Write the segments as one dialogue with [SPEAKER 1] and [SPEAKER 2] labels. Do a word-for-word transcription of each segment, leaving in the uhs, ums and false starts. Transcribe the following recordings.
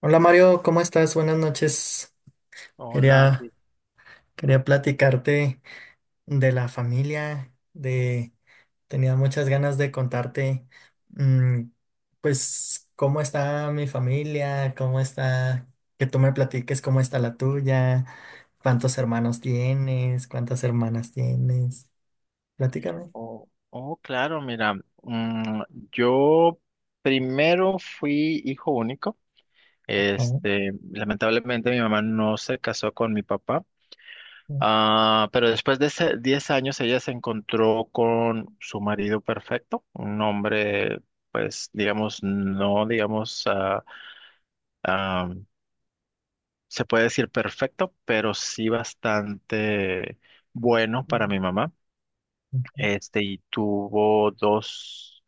[SPEAKER 1] Hola Mario, ¿cómo estás? Buenas noches.
[SPEAKER 2] Hola,
[SPEAKER 1] Quería,
[SPEAKER 2] Cris.
[SPEAKER 1] quería platicarte de la familia, de tenía muchas ganas de contarte, mm, pues cómo está mi familia, cómo está, que tú me platiques cómo está la tuya, cuántos hermanos tienes, cuántas hermanas tienes. Platícame.
[SPEAKER 2] Oh, oh, claro, mira, mm, yo primero fui hijo único.
[SPEAKER 1] Oh,
[SPEAKER 2] Este, lamentablemente mi mamá no se casó con mi papá,
[SPEAKER 1] oh,
[SPEAKER 2] ah, pero después de ese diez años ella se encontró con su marido perfecto, un hombre, pues, digamos, no, digamos, ah, ah, se puede decir perfecto, pero sí bastante bueno para
[SPEAKER 1] oh,
[SPEAKER 2] mi mamá.
[SPEAKER 1] ujú,
[SPEAKER 2] Este, y tuvo dos,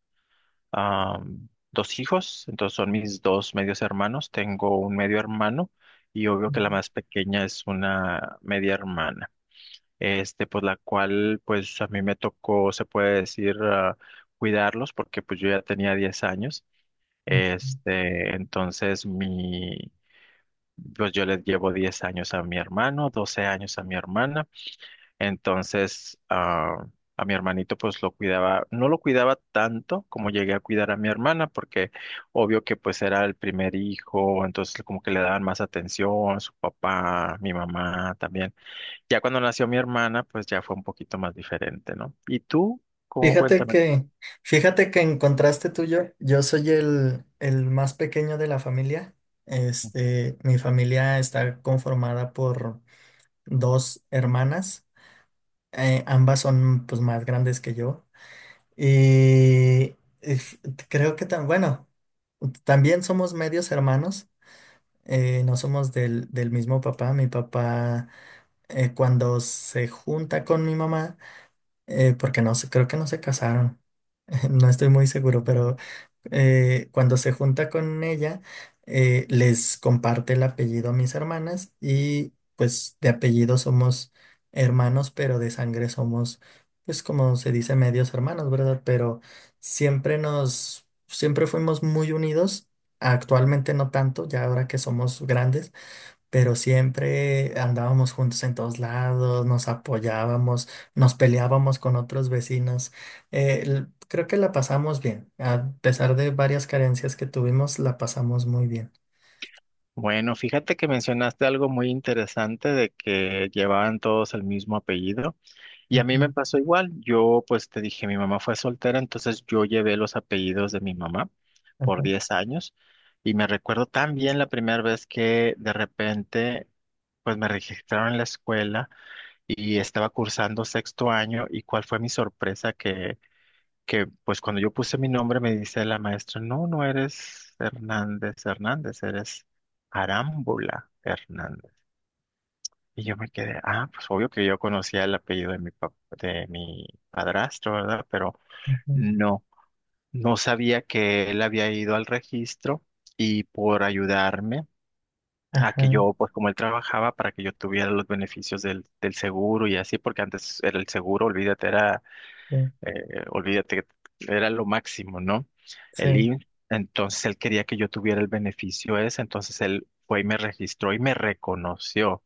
[SPEAKER 2] am, dos hijos. Entonces son mis dos medios hermanos, tengo un medio hermano y obvio que la
[SPEAKER 1] ujú,
[SPEAKER 2] más pequeña es una media hermana. Este, pues la cual pues a mí me tocó, se puede decir, ah, cuidarlos, porque pues yo ya tenía diez años.
[SPEAKER 1] ujú.
[SPEAKER 2] Este, entonces mi, pues yo les llevo diez años a mi hermano, doce años a mi hermana. Entonces, ah, a mi hermanito pues lo cuidaba, no lo cuidaba tanto como llegué a cuidar a mi hermana, porque obvio que pues era el primer hijo, entonces como que le daban más atención, su papá, mi mamá también. Ya cuando nació mi hermana, pues ya fue un poquito más diferente, ¿no? ¿Y tú? ¿Cómo?
[SPEAKER 1] Fíjate
[SPEAKER 2] Cuéntame.
[SPEAKER 1] que, fíjate que en contraste tuyo, yo soy el, el más pequeño de la familia. Este, mi familia está conformada por dos hermanas. Eh, ambas son pues más grandes que yo. Y, y f- creo que tan, bueno, también somos medios hermanos. Eh, no somos del, del mismo papá. Mi papá, eh, cuando se junta con mi mamá, eh, porque no se, creo que no se casaron. No estoy muy seguro, pero eh, cuando se junta con ella, eh, les comparte el apellido a mis hermanas y pues de apellido somos hermanos, pero de sangre somos, pues como se dice, medios hermanos, ¿verdad? Pero siempre nos, siempre fuimos muy unidos. Actualmente no tanto, ya ahora que somos grandes, pero siempre andábamos juntos en todos lados, nos apoyábamos, nos peleábamos con otros vecinos. Eh, l- creo que la pasamos bien, a pesar de varias carencias que tuvimos, la pasamos muy bien.
[SPEAKER 2] Bueno, fíjate que mencionaste algo muy interesante de que llevaban todos el mismo apellido. Y a mí me
[SPEAKER 1] Ujú,
[SPEAKER 2] pasó igual. Yo, pues te dije, mi mamá fue soltera, entonces yo llevé los apellidos de mi mamá
[SPEAKER 1] ajá,
[SPEAKER 2] por diez años. Y me recuerdo tan bien la primera vez que de repente, pues me registraron en la escuela y estaba cursando sexto año. Y cuál fue mi sorpresa que, que pues cuando yo puse mi nombre me dice la maestra: no, no eres Hernández Hernández, eres Arámbula Hernández. Y yo me quedé, ah, pues obvio que yo conocía el apellido de mi pap- de mi padrastro, ¿verdad? Pero
[SPEAKER 1] ujú,
[SPEAKER 2] no, no sabía que él había ido al registro y por ayudarme a que
[SPEAKER 1] ajá,
[SPEAKER 2] yo, pues como él trabajaba, para que yo tuviera los beneficios del, del seguro y así, porque antes era el seguro, olvídate, era,
[SPEAKER 1] sí,
[SPEAKER 2] eh, olvídate, era lo máximo, ¿no? El
[SPEAKER 1] sí,
[SPEAKER 2] I M S S. Entonces él quería que yo tuviera el beneficio ese, entonces él fue y me registró y me reconoció.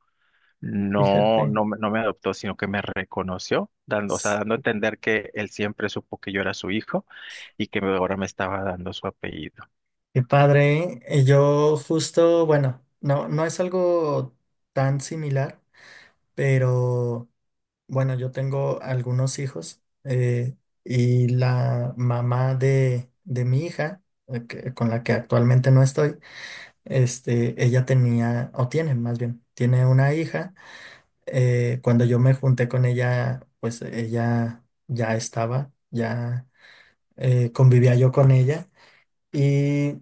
[SPEAKER 2] No,
[SPEAKER 1] fíjate.
[SPEAKER 2] no, me- no me adoptó, sino que me reconoció, dando, o sea,
[SPEAKER 1] S-
[SPEAKER 2] dando a entender que él siempre supo que yo era su hijo y que ahora me estaba dando su apellido.
[SPEAKER 1] Qué padre, ¿eh? Y yo justo, bueno, no, no es algo tan similar, pero... Bueno, yo tengo algunos hijos, eh, y la mamá de, de mi hija, eh, que- con la que actualmente no estoy, este, ella tenía, o tiene más bien, tiene una hija. Eh, cuando yo me junté con ella, pues ella ya estaba, ya eh, convivía yo con ella, y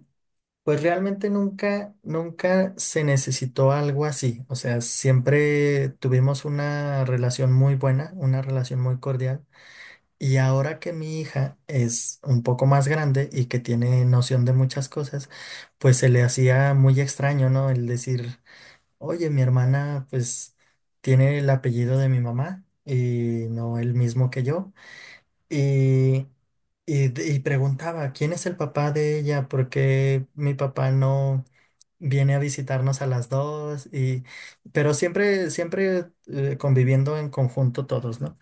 [SPEAKER 1] pues realmente nunca, nunca se necesitó algo así. O sea, siempre tuvimos una relación muy buena, una relación muy cordial, y ahora que mi hija es un poco más grande y que tiene noción de muchas cosas, pues se le hacía muy extraño, ¿no? El decir, oye, mi hermana pues tiene el apellido de mi mamá y no el mismo que yo. Y, y, d- y preguntaba, ¿quién es el papá de ella? ¿Por qué mi papá no viene a visitarnos a las dos? Y, pero siempre, siempre eh, conviviendo en conjunto todos, ¿no?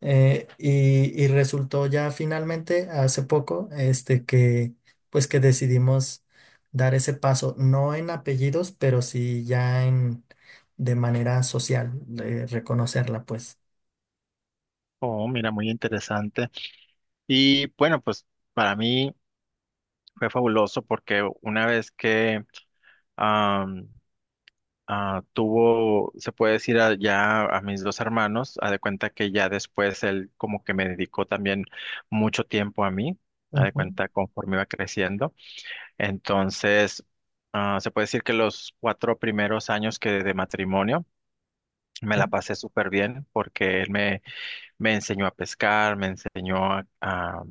[SPEAKER 1] Eh, y, y resultó ya finalmente hace poco este que pues que decidimos dar ese paso, no en apellidos, pero sí ya en de manera social, de reconocerla pues.
[SPEAKER 2] Oh, mira, muy interesante. Y bueno, pues para mí fue fabuloso porque una vez que am, ah, tuvo, se puede decir, a- ya a mis dos hermanos, a de cuenta que ya después él como que me dedicó también mucho tiempo a mí, a de
[SPEAKER 1] Ujú,
[SPEAKER 2] cuenta conforme iba creciendo. Entonces, Ah, se puede decir que los cuatro primeros años que de matrimonio me la
[SPEAKER 1] sí,
[SPEAKER 2] pasé súper bien porque él me, me enseñó a pescar, me enseñó a, a-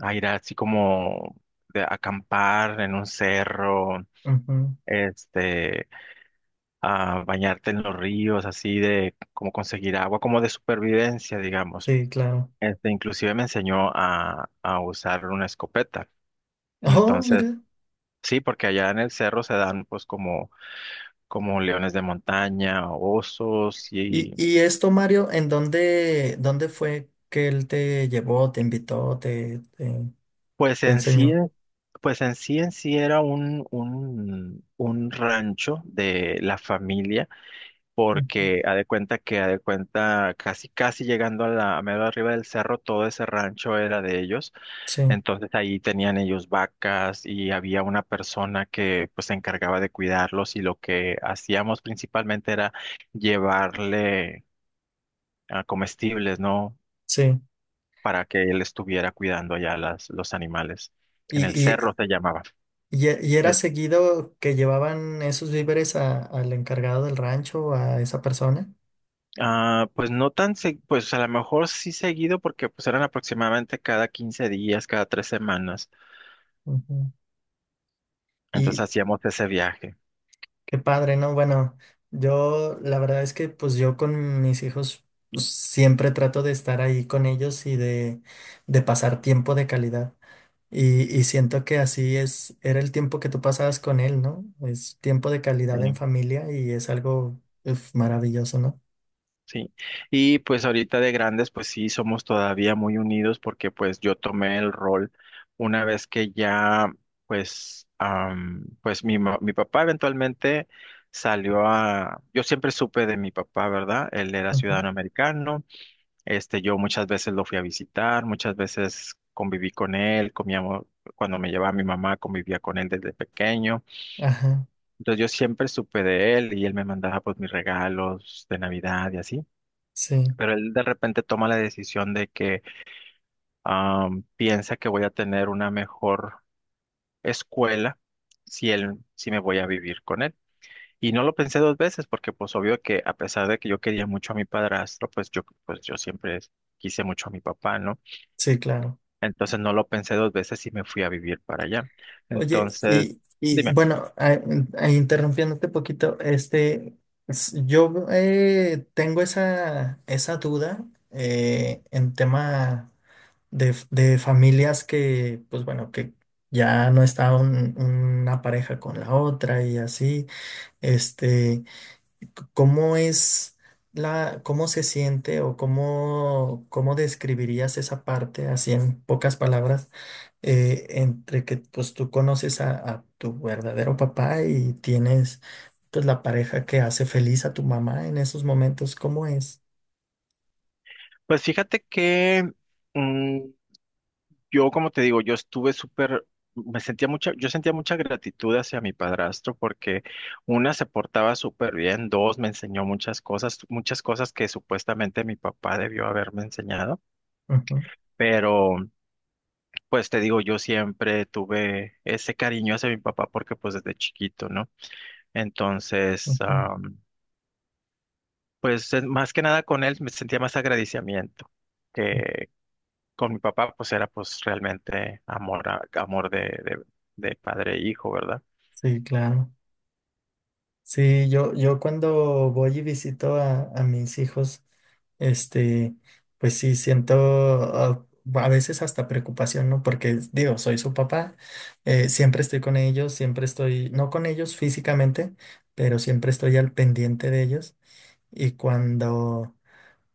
[SPEAKER 2] a ir así como de acampar en un cerro.
[SPEAKER 1] ujú,
[SPEAKER 2] Este, a bañarte en los ríos, así de como conseguir agua, como de supervivencia, digamos.
[SPEAKER 1] sí, claro.
[SPEAKER 2] Este, inclusive me enseñó a, a usar una escopeta.
[SPEAKER 1] Oh,
[SPEAKER 2] Entonces,
[SPEAKER 1] mira.
[SPEAKER 2] sí, porque allá en el cerro se dan pues como como leones de montaña, osos,
[SPEAKER 1] Y,
[SPEAKER 2] y
[SPEAKER 1] y esto, Mario, ¿en dónde, dónde fue que él te llevó, te invitó, te, te,
[SPEAKER 2] pues
[SPEAKER 1] te
[SPEAKER 2] en sí,
[SPEAKER 1] enseñó?
[SPEAKER 2] pues en sí en sí era un, un, un rancho de la familia,
[SPEAKER 1] Ujú,
[SPEAKER 2] porque ha de cuenta que ha de cuenta casi casi llegando a la a medio arriba del cerro todo ese rancho era de ellos.
[SPEAKER 1] sí,
[SPEAKER 2] Entonces ahí tenían ellos vacas y había una persona que pues se encargaba de cuidarlos, y lo que hacíamos principalmente era llevarle a comestibles, ¿no?
[SPEAKER 1] sí.
[SPEAKER 2] Para que él estuviera cuidando allá las, los animales. En el
[SPEAKER 1] Y,
[SPEAKER 2] cerro se llamaba.
[SPEAKER 1] ¿Y, e- y era
[SPEAKER 2] El-
[SPEAKER 1] seguido que llevaban esos víveres a- al encargado del rancho, a esa persona?
[SPEAKER 2] ah, pues no tan, se- pues a lo mejor sí seguido, porque pues eran aproximadamente cada quince días, cada tres semanas.
[SPEAKER 1] Ujú.
[SPEAKER 2] Entonces
[SPEAKER 1] Y
[SPEAKER 2] hacíamos ese viaje.
[SPEAKER 1] qué padre, ¿no? Bueno, yo la verdad es que pues yo con mis hijos, pues siempre trato de estar ahí con ellos y de, de pasar tiempo de calidad. Y, y siento que así es, era el tiempo que tú pasabas con él, ¿no? Es tiempo de calidad en
[SPEAKER 2] ¿Sí?
[SPEAKER 1] familia y es algo, uf, maravilloso, ¿no?
[SPEAKER 2] Sí, y pues ahorita de grandes, pues sí, somos todavía muy unidos porque pues yo tomé el rol una vez que ya, pues, am, pues mi, ma- mi papá eventualmente salió a, yo siempre supe de mi papá, ¿verdad? Él era
[SPEAKER 1] Ujú.
[SPEAKER 2] ciudadano americano. Este, yo muchas veces lo fui a visitar, muchas veces conviví con él, comíamos, cuando me llevaba mi mamá, convivía con él desde pequeño.
[SPEAKER 1] Ajá,
[SPEAKER 2] Entonces yo siempre supe de él y él me mandaba pues mis regalos de Navidad y así.
[SPEAKER 1] sí,
[SPEAKER 2] Pero él de repente toma la decisión de que am, piensa que voy a tener una mejor escuela si él, si me voy a vivir con él. Y no lo pensé dos veces porque pues obvio que a pesar de que yo quería mucho a mi padrastro, pues yo, pues yo siempre quise mucho a mi papá, ¿no?
[SPEAKER 1] sí, claro.
[SPEAKER 2] Entonces no lo pensé dos veces y me fui a vivir para allá.
[SPEAKER 1] Oye,
[SPEAKER 2] Entonces,
[SPEAKER 1] y, y
[SPEAKER 2] dime,
[SPEAKER 1] bueno, a- a- interrumpiéndote poquito, este, s- yo eh, tengo esa, esa duda, eh, en tema de, f- de familias que, pues bueno, que ya no está un- una pareja con la otra y así, este. ¿Cómo es la, cómo se siente o cómo, cómo describirías esa parte, así en pocas palabras, eh, entre que pues tú conoces a, a tu verdadero papá y tienes pues la pareja que hace feliz a tu mamá en esos momentos? ¿Cómo es?
[SPEAKER 2] pues fíjate que mm, Yo, como te digo, yo estuve súper, me sentía mucha, yo sentía mucha gratitud hacia mi padrastro porque: una, se portaba súper bien; dos, me enseñó muchas cosas, muchas cosas que supuestamente mi papá debió haberme enseñado.
[SPEAKER 1] Ujú,
[SPEAKER 2] Pero pues te digo, yo siempre tuve ese cariño hacia mi papá, porque pues desde chiquito, ¿no? Entonces,
[SPEAKER 1] ujú.
[SPEAKER 2] am, pues eh, más que nada con él me sentía más agradecimiento. Con mi papá, pues era pues realmente amor, a- amor de, de, de padre e hijo, ¿verdad?
[SPEAKER 1] Sí, claro. Sí, yo, yo cuando voy y visito a, a mis hijos, este, pues sí, siento, ah, a veces hasta preocupación, ¿no? Porque digo, soy su papá, eh, siempre estoy con ellos, siempre estoy, no con ellos físicamente, pero siempre estoy al pendiente de ellos. Y cuando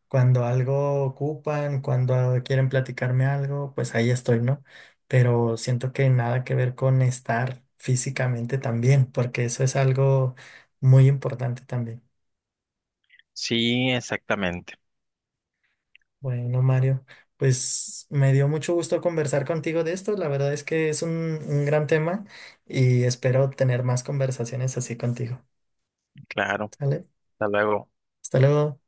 [SPEAKER 1] cuando algo ocupan, cuando quieren platicarme algo, pues ahí estoy, ¿no? Pero siento que nada que ver con estar físicamente también, porque eso es algo muy importante también.
[SPEAKER 2] Sí, exactamente,
[SPEAKER 1] Bueno, Mario, pues me dio mucho gusto conversar contigo de esto. La verdad es que es un, un gran tema y espero tener más conversaciones así contigo.
[SPEAKER 2] claro.
[SPEAKER 1] ¿Sale?
[SPEAKER 2] Hasta luego.
[SPEAKER 1] Hasta luego.